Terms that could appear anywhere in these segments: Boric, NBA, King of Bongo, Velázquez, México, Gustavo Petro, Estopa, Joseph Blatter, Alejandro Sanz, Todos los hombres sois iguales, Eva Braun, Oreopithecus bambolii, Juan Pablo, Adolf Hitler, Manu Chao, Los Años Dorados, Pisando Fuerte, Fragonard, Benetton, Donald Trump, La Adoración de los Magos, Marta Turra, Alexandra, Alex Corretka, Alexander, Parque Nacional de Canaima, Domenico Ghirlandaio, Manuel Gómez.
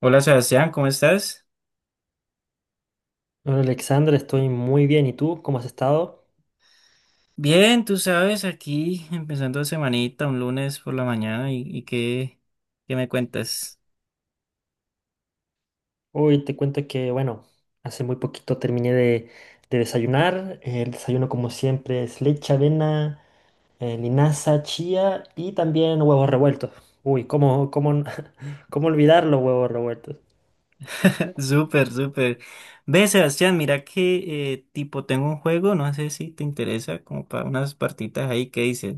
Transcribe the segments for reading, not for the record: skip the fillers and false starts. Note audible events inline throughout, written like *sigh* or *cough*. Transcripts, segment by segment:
Hola Sebastián, ¿cómo estás? Hola Alexandra, estoy muy bien. ¿Y tú? ¿Cómo has estado? Bien, tú sabes, aquí empezando semanita, un lunes por la mañana, ¿y qué me cuentas? Hoy te cuento que, bueno, hace muy poquito terminé de desayunar. El desayuno, como siempre, es leche, avena, linaza, chía y también huevos revueltos. Uy, ¿ *laughs* ¿cómo olvidar los huevos revueltos? *laughs* Súper, súper. Ve, Sebastián, mira que tipo tengo un juego, no sé si te interesa, como para unas partitas ahí, ¿qué dices?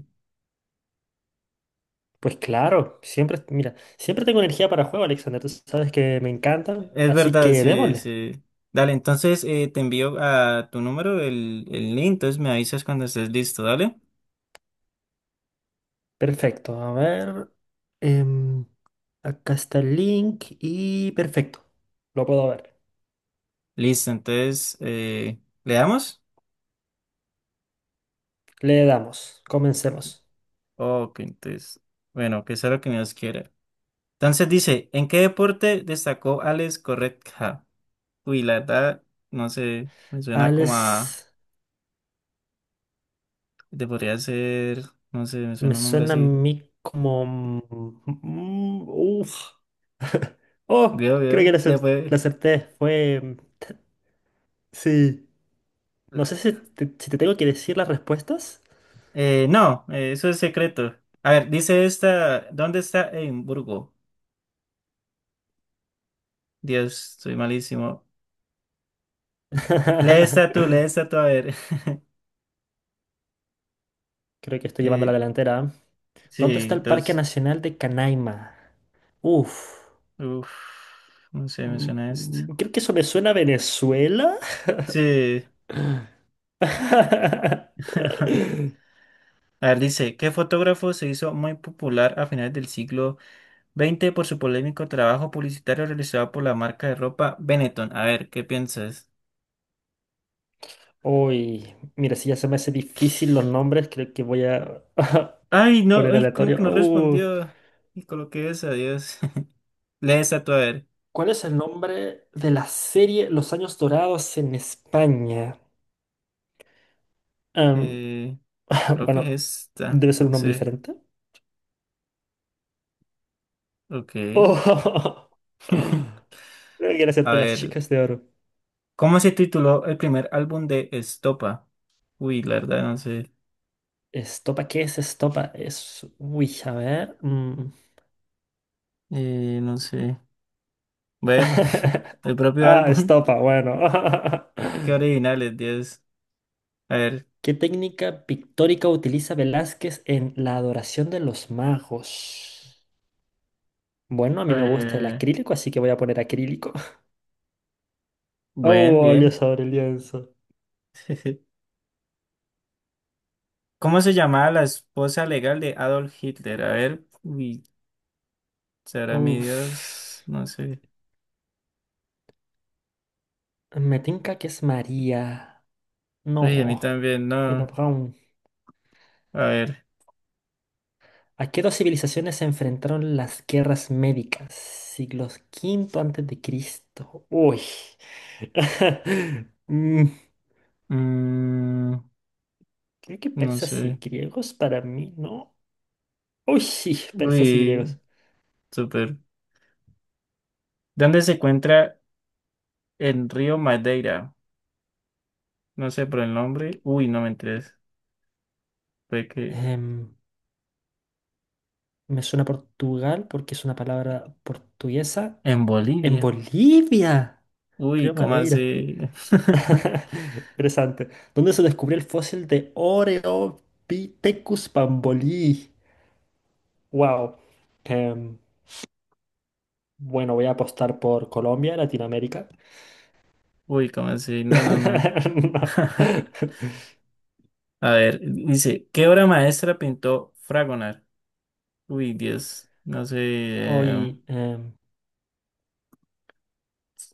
Pues claro, siempre, mira, siempre tengo energía para juego, Alexander. Tú sabes que me encantan, Es así verdad, que sí, démosle. sí. Dale, entonces te envío a tu número el link, entonces me avisas cuando estés listo, dale. Perfecto, a ver. em, Acá está el link y perfecto, lo puedo ver. Listo, entonces, ¿le damos? Le damos, comencemos. Ok, entonces, bueno, que sea lo que Dios quiera. Entonces dice, ¿en qué deporte destacó Alex Corretka? Uy, la verdad, no sé, me suena como a, Alex te podría ser, no sé, me me suena un nombre suena a así. mí como... uf. Oh, Veo, creo que veo, le la fue. acerté. Sí. No sé si te, si te tengo que decir las respuestas. No, eso es secreto. A ver, dice esta, ¿dónde está Edimburgo? Dios, soy malísimo. Lee esta tú, lee *laughs* esta tú, a ver. *laughs* Creo que estoy llevando la Eh, delantera, ¿eh? ¿Dónde está sí, el Parque dos, Nacional de Canaima? Uf. uf, no sé, me suena esto. Creo que eso me suena a Venezuela. Sí. *laughs* *laughs* A ver, dice, ¿qué fotógrafo se hizo muy popular a finales del siglo XX por su polémico trabajo publicitario realizado por la marca de ropa Benetton? A ver, ¿qué piensas? Uy, mira, si ya se me hace difícil los nombres, creo que voy a *laughs* Ay, no, poner ay, ¿cómo aleatorio. que no respondió? Y coloqué esa, Dios. *laughs* Lee esta tú, a ver. ¿Cuál es el nombre de la serie Los Años Dorados en España? Em, Eh, *laughs* creo que bueno, es esta, debe ser un no nombre sé. diferente. Ok. Oh, *laughs* creo *laughs* que era ser A de las ver, chicas de oro. ¿cómo se tituló el primer álbum de Estopa? Uy, la verdad, no sé. ¿Estopa? ¿Qué es estopa? Es... Uy, a ver. Mm. No sé. Bueno, *laughs* *laughs* el propio Ah, álbum. estopa, bueno. *laughs* *laughs* Qué originales, Dios. A ver, ¿Qué técnica pictórica utiliza Velázquez en La Adoración de los Magos? Bueno, a mí me gusta el Eh, acrílico, así que voy a poner acrílico. *laughs* bien, Oh, bien. Dios, sobre el lienzo. *laughs* ¿Cómo se llamaba la esposa legal de Adolf Hitler? A ver, uy, será mi Dios, Uf. no sé. Me tinca que es María. Uy, a mí No. también, Eva no. Braun. A ver, ¿A qué dos civilizaciones se enfrentaron las guerras médicas? Siglos quinto antes de Cristo. Uy. *laughs* Mm, mm, Creo que no persas y sé. griegos para mí, ¿no? Uy, sí, persas y Uy, griegos. súper. ¿Dónde se encuentra el río Madeira? No sé por el nombre. Uy, no me interesa. Fue que Em, Me suena Portugal porque es una palabra portuguesa. en En Bolivia. Bolivia, Uy, Río ¿cómo Madeira. así? *laughs* *laughs* Interesante. ¿Dónde se descubrió el fósil de Oreopithecus bambolii? Wow. Em, bueno, voy a apostar por Colombia, Latinoamérica. Uy, ¿cómo así? No, no, no. *laughs* No. *laughs* A ver, dice, ¿qué obra maestra pintó Fragonard? Uy, Dios, no sé, Hoy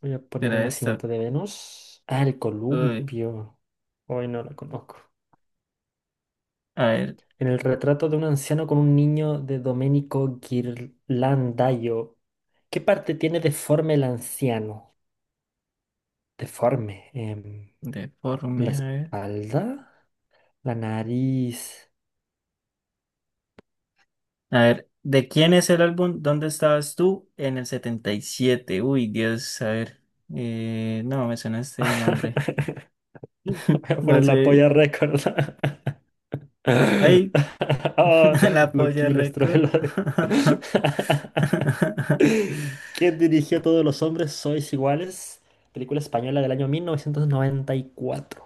voy a poner el era esta. nacimiento de Venus. Ah, el Uy, columpio. Hoy no la conozco. a ver, En el retrato de un anciano con un niño de Domenico Ghirlandaio, ¿qué parte tiene deforme el anciano? Deforme. ¿La deforme, a ver. espalda? ¿La nariz? A ver, ¿de quién es el álbum ¿Dónde estabas tú? En el 77? Uy, Dios, a ver. No, me suena este nombre. *laughs* Voy *laughs* a No poner la sé. polla récord. Ay, *laughs* Ah, *laughs* la polla loquillo, récord. estruelo. *laughs* *laughs* ¿Quién dirigió Todos los hombres sois iguales? Película española del año 1994.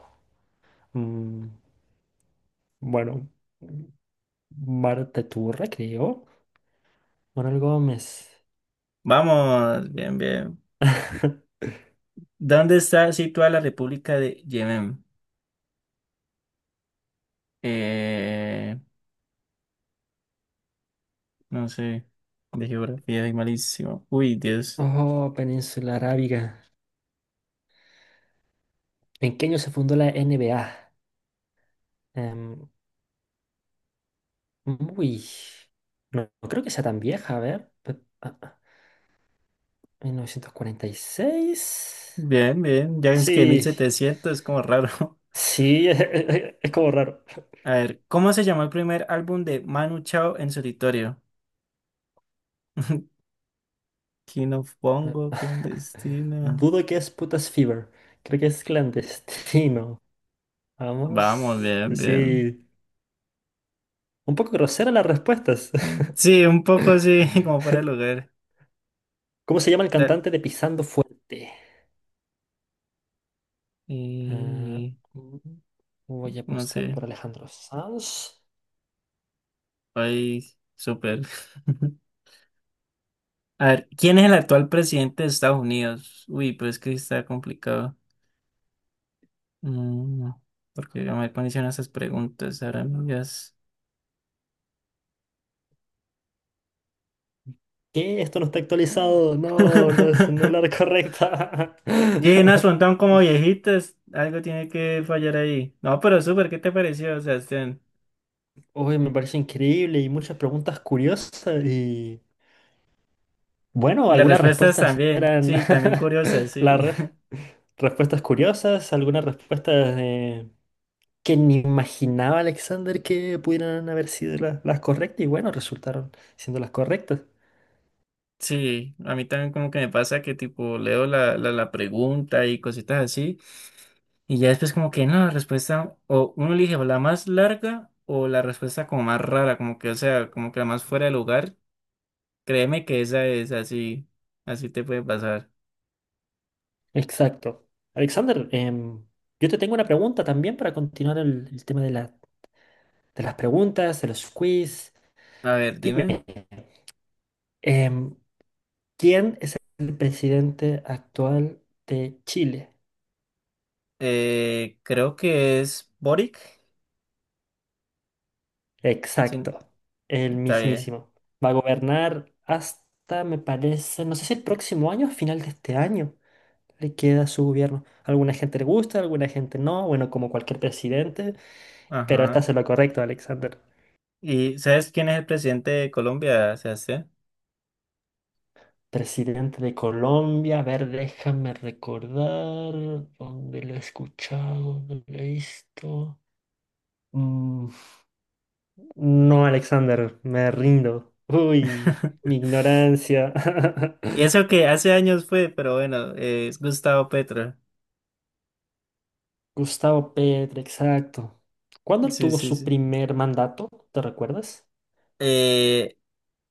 Mm, bueno. Marta Turra, creo. Manuel Gómez. Vamos, bien, bien. *laughs* ¿Dónde está situada la República de Yemen? Eh, No sé, de geografía y malísimo. Uy, Dios. Oh, Península Arábiga. ¿En qué año se fundó la NBA? Em, uy, no, creo que sea tan vieja, a ver. ¿ ¿1946? Bien, bien. Ya es que Sí, 1700 es como raro. sí, *laughs* es como raro. *laughs* A ver, ¿cómo se llamó el primer álbum de Manu Chao en solitario? *laughs* King of Eh, Bongo, *laughs* clandestina. dudo que es putas fever. Creo que es clandestino. Vamos, Vamos. bien, bien. Sí, un poco grosera las respuestas. Sí, un poco *laughs* sí *laughs* como fuera el lugar. ¿Cómo se llama el Dale. cantante de Pisando Fuerte? Ah, Eh, mm, voy a no apostar sé. por Alejandro Sanz. Ay, súper. *laughs* A ver, ¿quién es el actual presidente de Estados Unidos? Uy, pues que está complicado. Mm, porque yo me ponían esas preguntas, ahora mías. ¿Qué? Esto no está actualizado. No es la correcta. Llenas *laughs* *laughs* preguntan como viejitas, algo tiene que fallar ahí. No, pero súper, ¿qué te pareció, Sebastián? Uy, me parece increíble y muchas preguntas curiosas. Y bueno, Y las algunas respuestas respuestas también, eran sí, también curiosas, *laughs* sí. las re- *laughs* respuestas curiosas, algunas respuestas que ni imaginaba Alexander que pudieran haber sido las correctas. Y bueno, resultaron siendo las correctas. Sí, a mí también como que me pasa que tipo leo la pregunta y cositas así, y ya después como que no, la respuesta, o uno elige o la más larga o la respuesta como más rara, como que, o sea, como que la más fuera de lugar. Créeme que esa es así, así te puede pasar. Exacto. Alexander, yo te tengo una pregunta también para continuar el tema de, de las preguntas, de los quiz. A ver, Dime, dime. em, ¿quién es el presidente actual de Chile? Creo que es Boric. Sí, Exacto, el está bien. mismísimo. Va a gobernar hasta, me parece, no sé si el próximo año o final de este año le queda su gobierno. Alguna gente le gusta, alguna gente no, bueno, como cualquier presidente, pero Ajá. estás en lo correcto, Alexander. ¿Y sabes quién es el presidente de Colombia, Sebastián? Presidente de Colombia, a ver, déjame recordar dónde lo he escuchado, dónde lo he visto. Mm, no, Alexander, me rindo. Uy, mi *laughs* ignorancia. Y *laughs* eso que hace años fue, pero bueno, es Gustavo Petro. Gustavo Petro, exacto. ¿Cuándo Sí, tuvo sí, su sí. primer mandato? ¿Te recuerdas? Eh,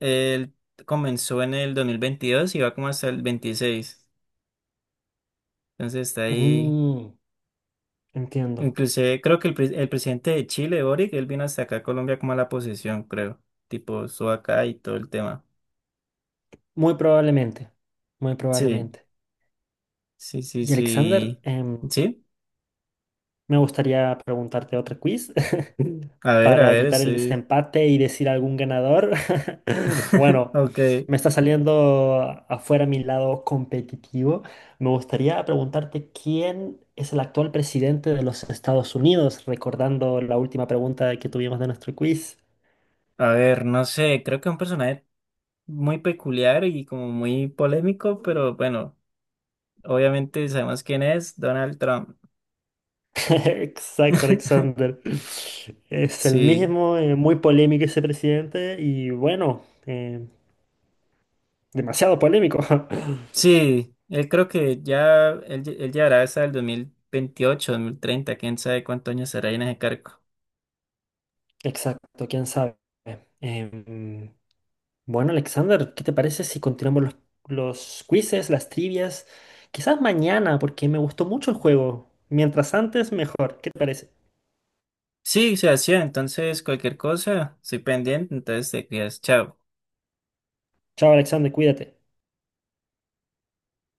él comenzó en el 2022 y va como hasta el 26. Entonces está ahí. Mm, Entiendo. Inclusive creo que el presidente de Chile, Boric, él vino hasta acá a Colombia como a la posesión, creo. Tipo, estuvo acá y todo el tema. Muy probablemente, muy Sí, probablemente. sí, sí, Y Alexander, sí. Sí, me gustaría preguntarte otro quiz *laughs* a para ver, evitar el sí. desempate y decir algún ganador. *laughs* *laughs* Bueno, Ok, me está saliendo afuera mi lado competitivo. Me gustaría preguntarte quién es el actual presidente de los Estados Unidos, recordando la última pregunta que tuvimos de nuestro quiz. a ver, no sé, creo que es un personaje muy peculiar y como muy polémico, pero bueno, obviamente sabemos quién es, Donald Trump. *laughs* Exacto, *laughs* Alexander. Es el Sí, mismo, muy polémico ese presidente y bueno, demasiado polémico. *laughs* sí, él creo que ya, él llegará hasta el 2028, 2030, quién sabe cuántos años será ahí en ese cargo. Exacto, quién sabe. Em, bueno, Alexander, ¿qué te parece si continuamos los quizzes, las trivias? Quizás mañana, porque me gustó mucho el juego. Mientras antes, mejor. ¿Qué te parece? Sí, se hacía. Entonces, cualquier cosa, estoy pendiente. Entonces, te cuidas. Chao. Chao, Alexander, cuídate.